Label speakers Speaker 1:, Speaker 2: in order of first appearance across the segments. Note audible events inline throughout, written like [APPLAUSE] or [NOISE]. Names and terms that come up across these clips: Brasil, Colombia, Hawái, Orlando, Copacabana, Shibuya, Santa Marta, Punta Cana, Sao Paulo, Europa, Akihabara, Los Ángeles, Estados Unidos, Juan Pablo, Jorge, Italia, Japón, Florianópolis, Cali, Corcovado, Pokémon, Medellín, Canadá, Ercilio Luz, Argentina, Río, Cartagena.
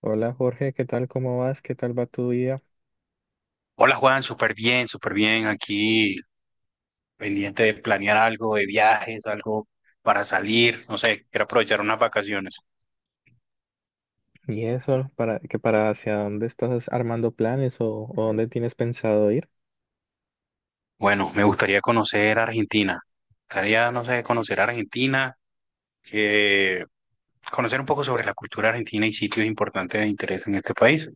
Speaker 1: Hola Jorge, ¿qué tal? ¿Cómo vas? ¿Qué tal va tu día?
Speaker 2: Hola Juan, súper bien, súper bien. Aquí pendiente de planear algo de viajes, algo para salir, no sé, quiero aprovechar unas vacaciones.
Speaker 1: Y eso, para que para hacia dónde estás armando planes o dónde tienes pensado ir?
Speaker 2: Bueno, me gustaría conocer Argentina. Me gustaría, no sé, conocer Argentina, eh, conocer un poco sobre la cultura argentina y sitios importantes de interés en este país.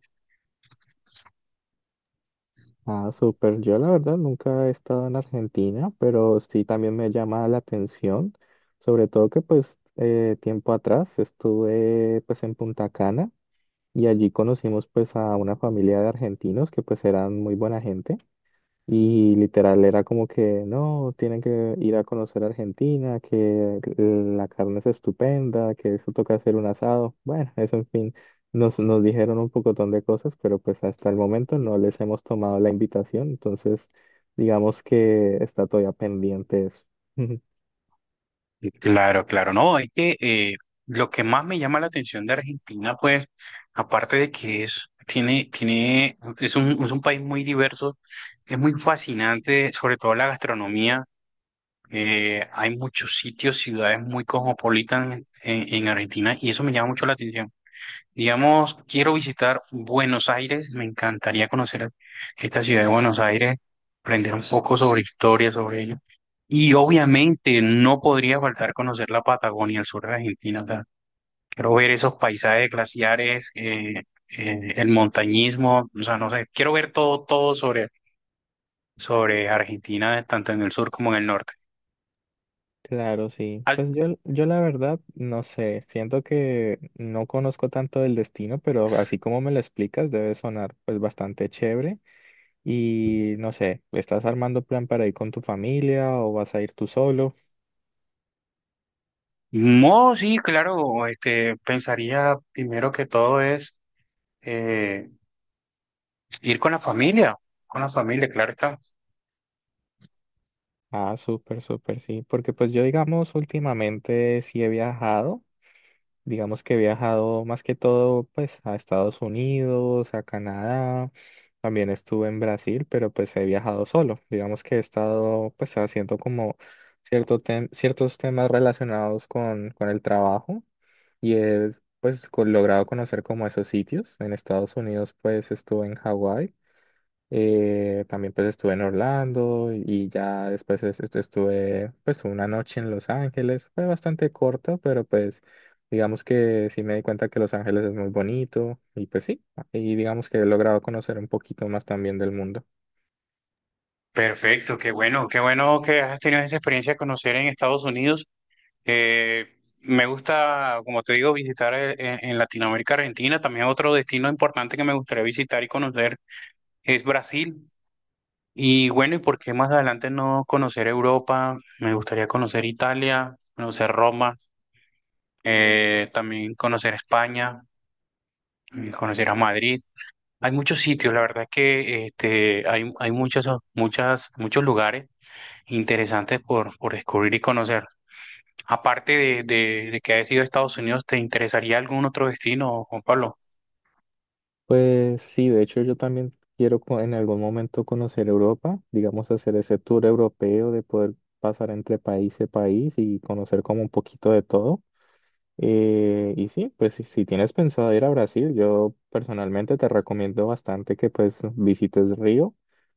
Speaker 1: Ah, súper. Yo la verdad nunca he estado en Argentina, pero sí también me llama la atención, sobre todo que pues tiempo atrás estuve pues en Punta Cana y allí conocimos pues a una familia de argentinos que pues eran muy buena gente. Y literal era como que no, tienen que ir a conocer Argentina, que la carne es estupenda, que eso toca hacer un asado. Bueno, eso en fin, nos dijeron un pocotón de cosas, pero pues hasta el momento no les hemos tomado la invitación, entonces digamos que está todavía pendiente eso. [LAUGHS]
Speaker 2: Claro, claro, no, es que lo que más me llama la atención de Argentina, pues, aparte de que es, tiene, es un país muy diverso, es muy fascinante, sobre todo la gastronomía, hay muchos sitios, ciudades muy cosmopolitas en, en Argentina y eso me llama mucho la atención. Digamos, quiero visitar Buenos Aires, me encantaría conocer esta ciudad de Buenos Aires, aprender un poco sobre historia, sobre ello. Y obviamente no podría faltar conocer la Patagonia, el sur de Argentina. O sea, quiero ver esos paisajes glaciares, el montañismo, o sea, no sé, quiero ver todo, todo sobre, sobre Argentina, tanto en el sur como en el norte.
Speaker 1: Claro, sí.
Speaker 2: Al,
Speaker 1: Pues yo la verdad, no sé, siento que no conozco tanto del destino, pero así como me lo explicas, debe sonar pues bastante chévere. Y no sé, ¿estás armando plan para ir con tu familia o vas a ir tú solo?
Speaker 2: no, sí, claro, este, pensaría primero que todo es eh, ir con la familia, claro está.
Speaker 1: Ah, súper, súper, sí. Porque pues yo, digamos, últimamente sí he viajado. Digamos que he viajado más que todo, pues, a Estados Unidos, a Canadá. También estuve en Brasil, pero pues he viajado solo. Digamos que he estado, pues, haciendo como ciertos temas relacionados con el trabajo. Y he pues logrado conocer como esos sitios. En Estados Unidos, pues, estuve en Hawái. También pues estuve en Orlando y ya después estuve pues una noche en Los Ángeles. Fue bastante corto, pero pues digamos que sí me di cuenta que Los Ángeles es muy bonito y pues sí, y digamos que he logrado conocer un poquito más también del mundo.
Speaker 2: Perfecto, qué bueno que has tenido esa experiencia de conocer en Estados Unidos. Eh, me gusta, como te digo, visitar en Latinoamérica, Argentina. También otro destino importante que me gustaría visitar y conocer es Brasil. Y bueno, ¿y por qué más adelante no conocer Europa? Me gustaría conocer Italia, conocer Roma, también conocer España, conocer a Madrid. Hay muchos sitios, la verdad que este, hay muchos, muchas, muchos lugares interesantes por descubrir y conocer. Aparte de, de que hayas ido a Estados Unidos, ¿te interesaría algún otro destino, Juan Pablo?
Speaker 1: Pues sí, de hecho yo también quiero en algún momento conocer Europa, digamos hacer ese tour europeo de poder pasar entre país y país y conocer como un poquito de todo. Y sí, pues si tienes pensado ir a Brasil, yo personalmente te recomiendo bastante que pues visites Río.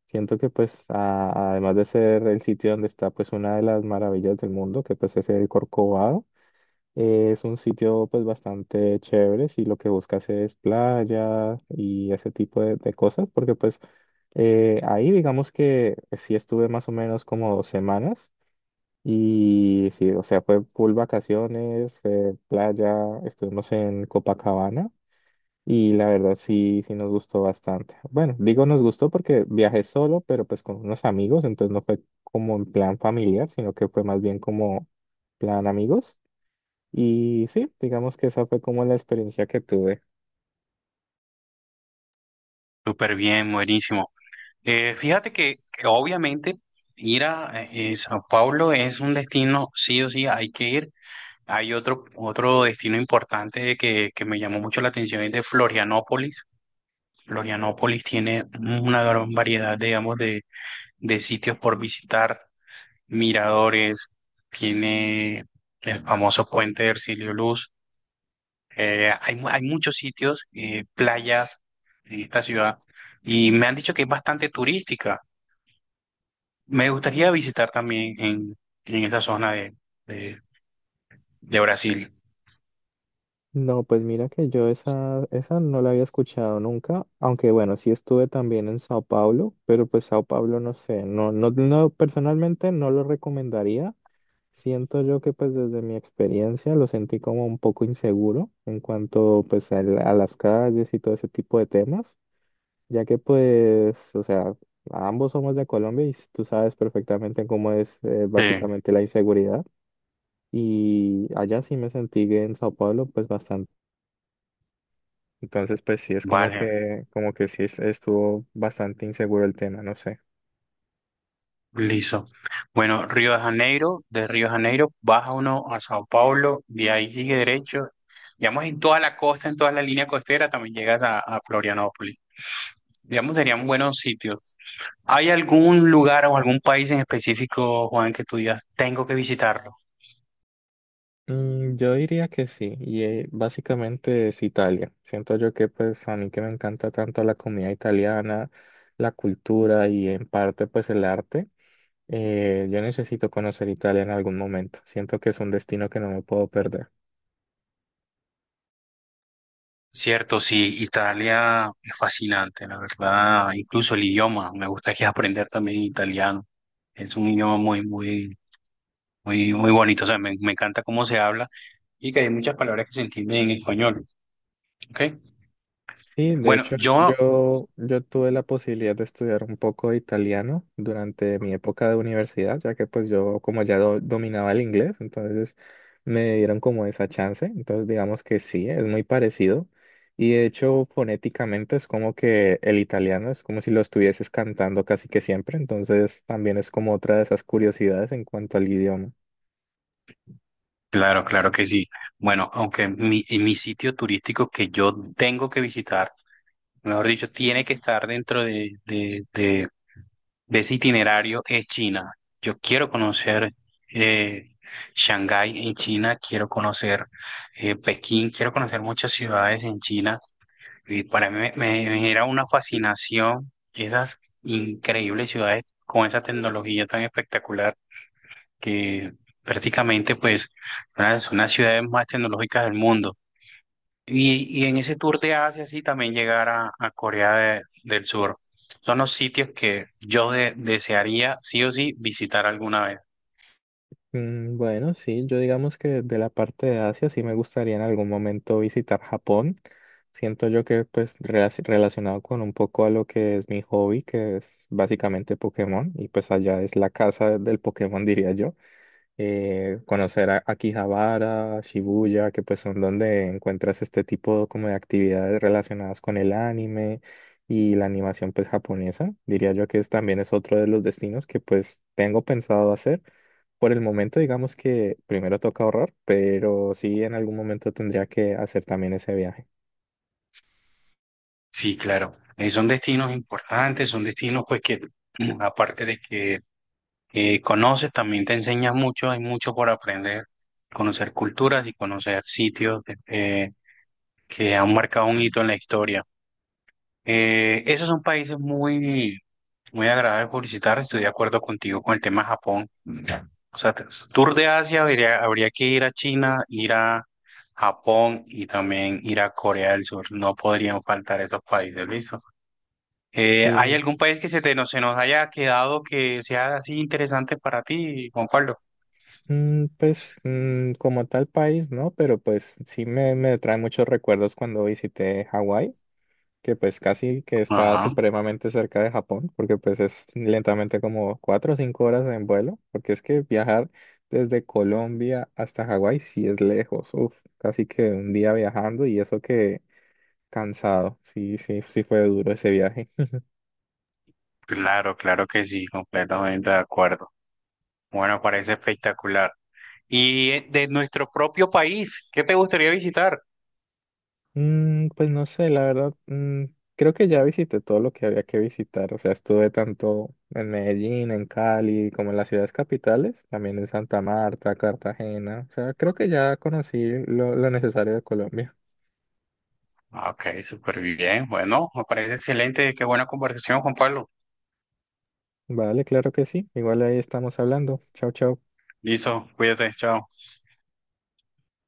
Speaker 1: Siento que pues además de ser el sitio donde está pues una de las maravillas del mundo, que pues es el Corcovado, es un sitio pues bastante chévere si lo que buscas es playa y ese tipo de cosas, porque pues ahí digamos que sí estuve más o menos como 2 semanas. Y sí, o sea, fue full vacaciones, playa, estuvimos en Copacabana y la verdad sí nos gustó bastante. Bueno, digo nos gustó porque viajé solo, pero pues con unos amigos, entonces no fue como en plan familiar, sino que fue más bien como plan amigos. Y sí, digamos que esa fue como la experiencia que tuve.
Speaker 2: Súper bien, buenísimo. Fíjate que obviamente ir a Sao Paulo es un destino, sí o sí, hay que ir. Hay otro, otro destino importante que me llamó mucho la atención, es de Florianópolis. Florianópolis tiene una gran variedad, digamos, de sitios por visitar, miradores, tiene el famoso puente de Ercilio Luz. Hay muchos sitios, playas en esta ciudad y me han dicho que es bastante turística. Me gustaría visitar también en esa zona de, de, de Brasil.
Speaker 1: No, pues mira que yo esa no la había escuchado nunca, aunque bueno, sí estuve también en Sao Paulo, pero pues Sao Paulo no sé, no, no, no, personalmente no lo recomendaría. Siento yo que pues desde mi experiencia lo sentí como un poco inseguro en cuanto pues a, a las calles y todo ese tipo de temas, ya que pues, o sea, ambos somos de Colombia y tú sabes perfectamente cómo es
Speaker 2: Sí,
Speaker 1: básicamente la inseguridad. Y allá sí me sentí que en Sao Paulo pues bastante. Entonces, pues sí, es
Speaker 2: vale.
Speaker 1: como que sí estuvo bastante inseguro el tema, no sé.
Speaker 2: Listo. Bueno, Río de Janeiro, de Río de Janeiro baja uno a Sao Paulo, de ahí sigue derecho. Digamos, en toda la costa, en toda la línea costera, también llegas a Florianópolis. Digamos, serían buenos sitios. ¿Hay algún lugar o algún país en específico, Juan, que tú digas, tengo que visitarlo?
Speaker 1: Mm, yo diría que sí, y básicamente es Italia. Siento yo que pues a mí que me encanta tanto la comida italiana, la cultura y en parte pues el arte, yo necesito conocer Italia en algún momento. Siento que es un destino que no me puedo perder.
Speaker 2: Cierto, sí, Italia es fascinante, la verdad. Incluso el idioma, me gustaría aprender también italiano. Es un idioma muy, muy bonito, o sea, me encanta cómo se habla y que hay muchas palabras que se entienden en español, ¿ok?
Speaker 1: Sí, de
Speaker 2: Bueno,
Speaker 1: hecho,
Speaker 2: yo,
Speaker 1: yo tuve la posibilidad de estudiar un poco de italiano durante mi época de universidad, ya que pues yo como ya dominaba el inglés, entonces me dieron como esa chance. Entonces digamos que sí, es muy parecido. Y de hecho, fonéticamente es como que el italiano es como si lo estuvieses cantando casi que siempre, entonces también es como otra de esas curiosidades en cuanto al idioma.
Speaker 2: claro, claro que sí. Bueno, aunque mi sitio turístico que yo tengo que visitar, mejor dicho, tiene que estar dentro de, de ese itinerario es China. Yo quiero conocer eh, Shanghái en China, quiero conocer Pekín, quiero conocer muchas ciudades en China. Y para mí me genera una fascinación esas increíbles ciudades con esa tecnología tan espectacular que prácticamente pues son las ciudades más tecnológicas del mundo. Y en ese tour de Asia sí también llegar a Corea del Sur. Son los sitios que yo desearía sí o sí visitar alguna vez.
Speaker 1: Mm, bueno, sí, yo digamos que de la parte de Asia sí me gustaría en algún momento visitar Japón. Siento yo que pues relacionado con un poco a lo que es mi hobby, que es básicamente Pokémon, y pues allá es la casa del Pokémon, [LAUGHS] diría yo. Conocer a Akihabara, Shibuya, que pues son donde encuentras este tipo como de actividades relacionadas con el anime y la animación pues japonesa. Diría yo que es, también es otro de los destinos que pues tengo pensado hacer por el momento, digamos que primero toca ahorrar, pero sí en algún momento tendría que hacer también ese viaje.
Speaker 2: Sí, claro. Son destinos importantes, son destinos pues que [CLEARS THROAT] aparte de que conoces, también te enseña mucho, hay mucho por aprender, conocer culturas y conocer sitios que han marcado un hito en la historia. Esos son países muy, muy agradables por visitar, estoy de acuerdo contigo con el tema de Japón. O sea, tour de Asia habría, habría que ir a China, ir a Japón y también ir a Corea del Sur. No podrían faltar esos países, ¿listo? ¿Hay
Speaker 1: Sí,
Speaker 2: algún país que se te, no, se nos haya quedado que sea así interesante para ti, Juan Pablo?
Speaker 1: mm, pues mm, como tal país, ¿no? Pero pues sí me trae muchos recuerdos cuando visité Hawái, que pues casi que está
Speaker 2: Ajá.
Speaker 1: supremamente cerca de Japón, porque pues es lentamente como 4 o 5 horas en vuelo, porque es que viajar desde Colombia hasta Hawái sí es lejos, uf, casi que un día viajando y eso que cansado, sí, sí, sí fue duro ese viaje.
Speaker 2: Claro, claro que sí, completamente de acuerdo. Bueno, parece espectacular. Y de nuestro propio país, ¿qué te gustaría visitar?
Speaker 1: Mm, pues no sé, la verdad, mm, creo que ya visité todo lo que había que visitar, o sea, estuve tanto en Medellín, en Cali, como en las ciudades capitales, también en Santa Marta, Cartagena, o sea, creo que ya conocí lo necesario de Colombia.
Speaker 2: Ah, ok, súper bien. Bueno, me parece excelente. Qué buena conversación, Juan Pablo.
Speaker 1: Vale, claro que sí, igual ahí estamos hablando. Chao, chao.
Speaker 2: Listo, cuídate, chao.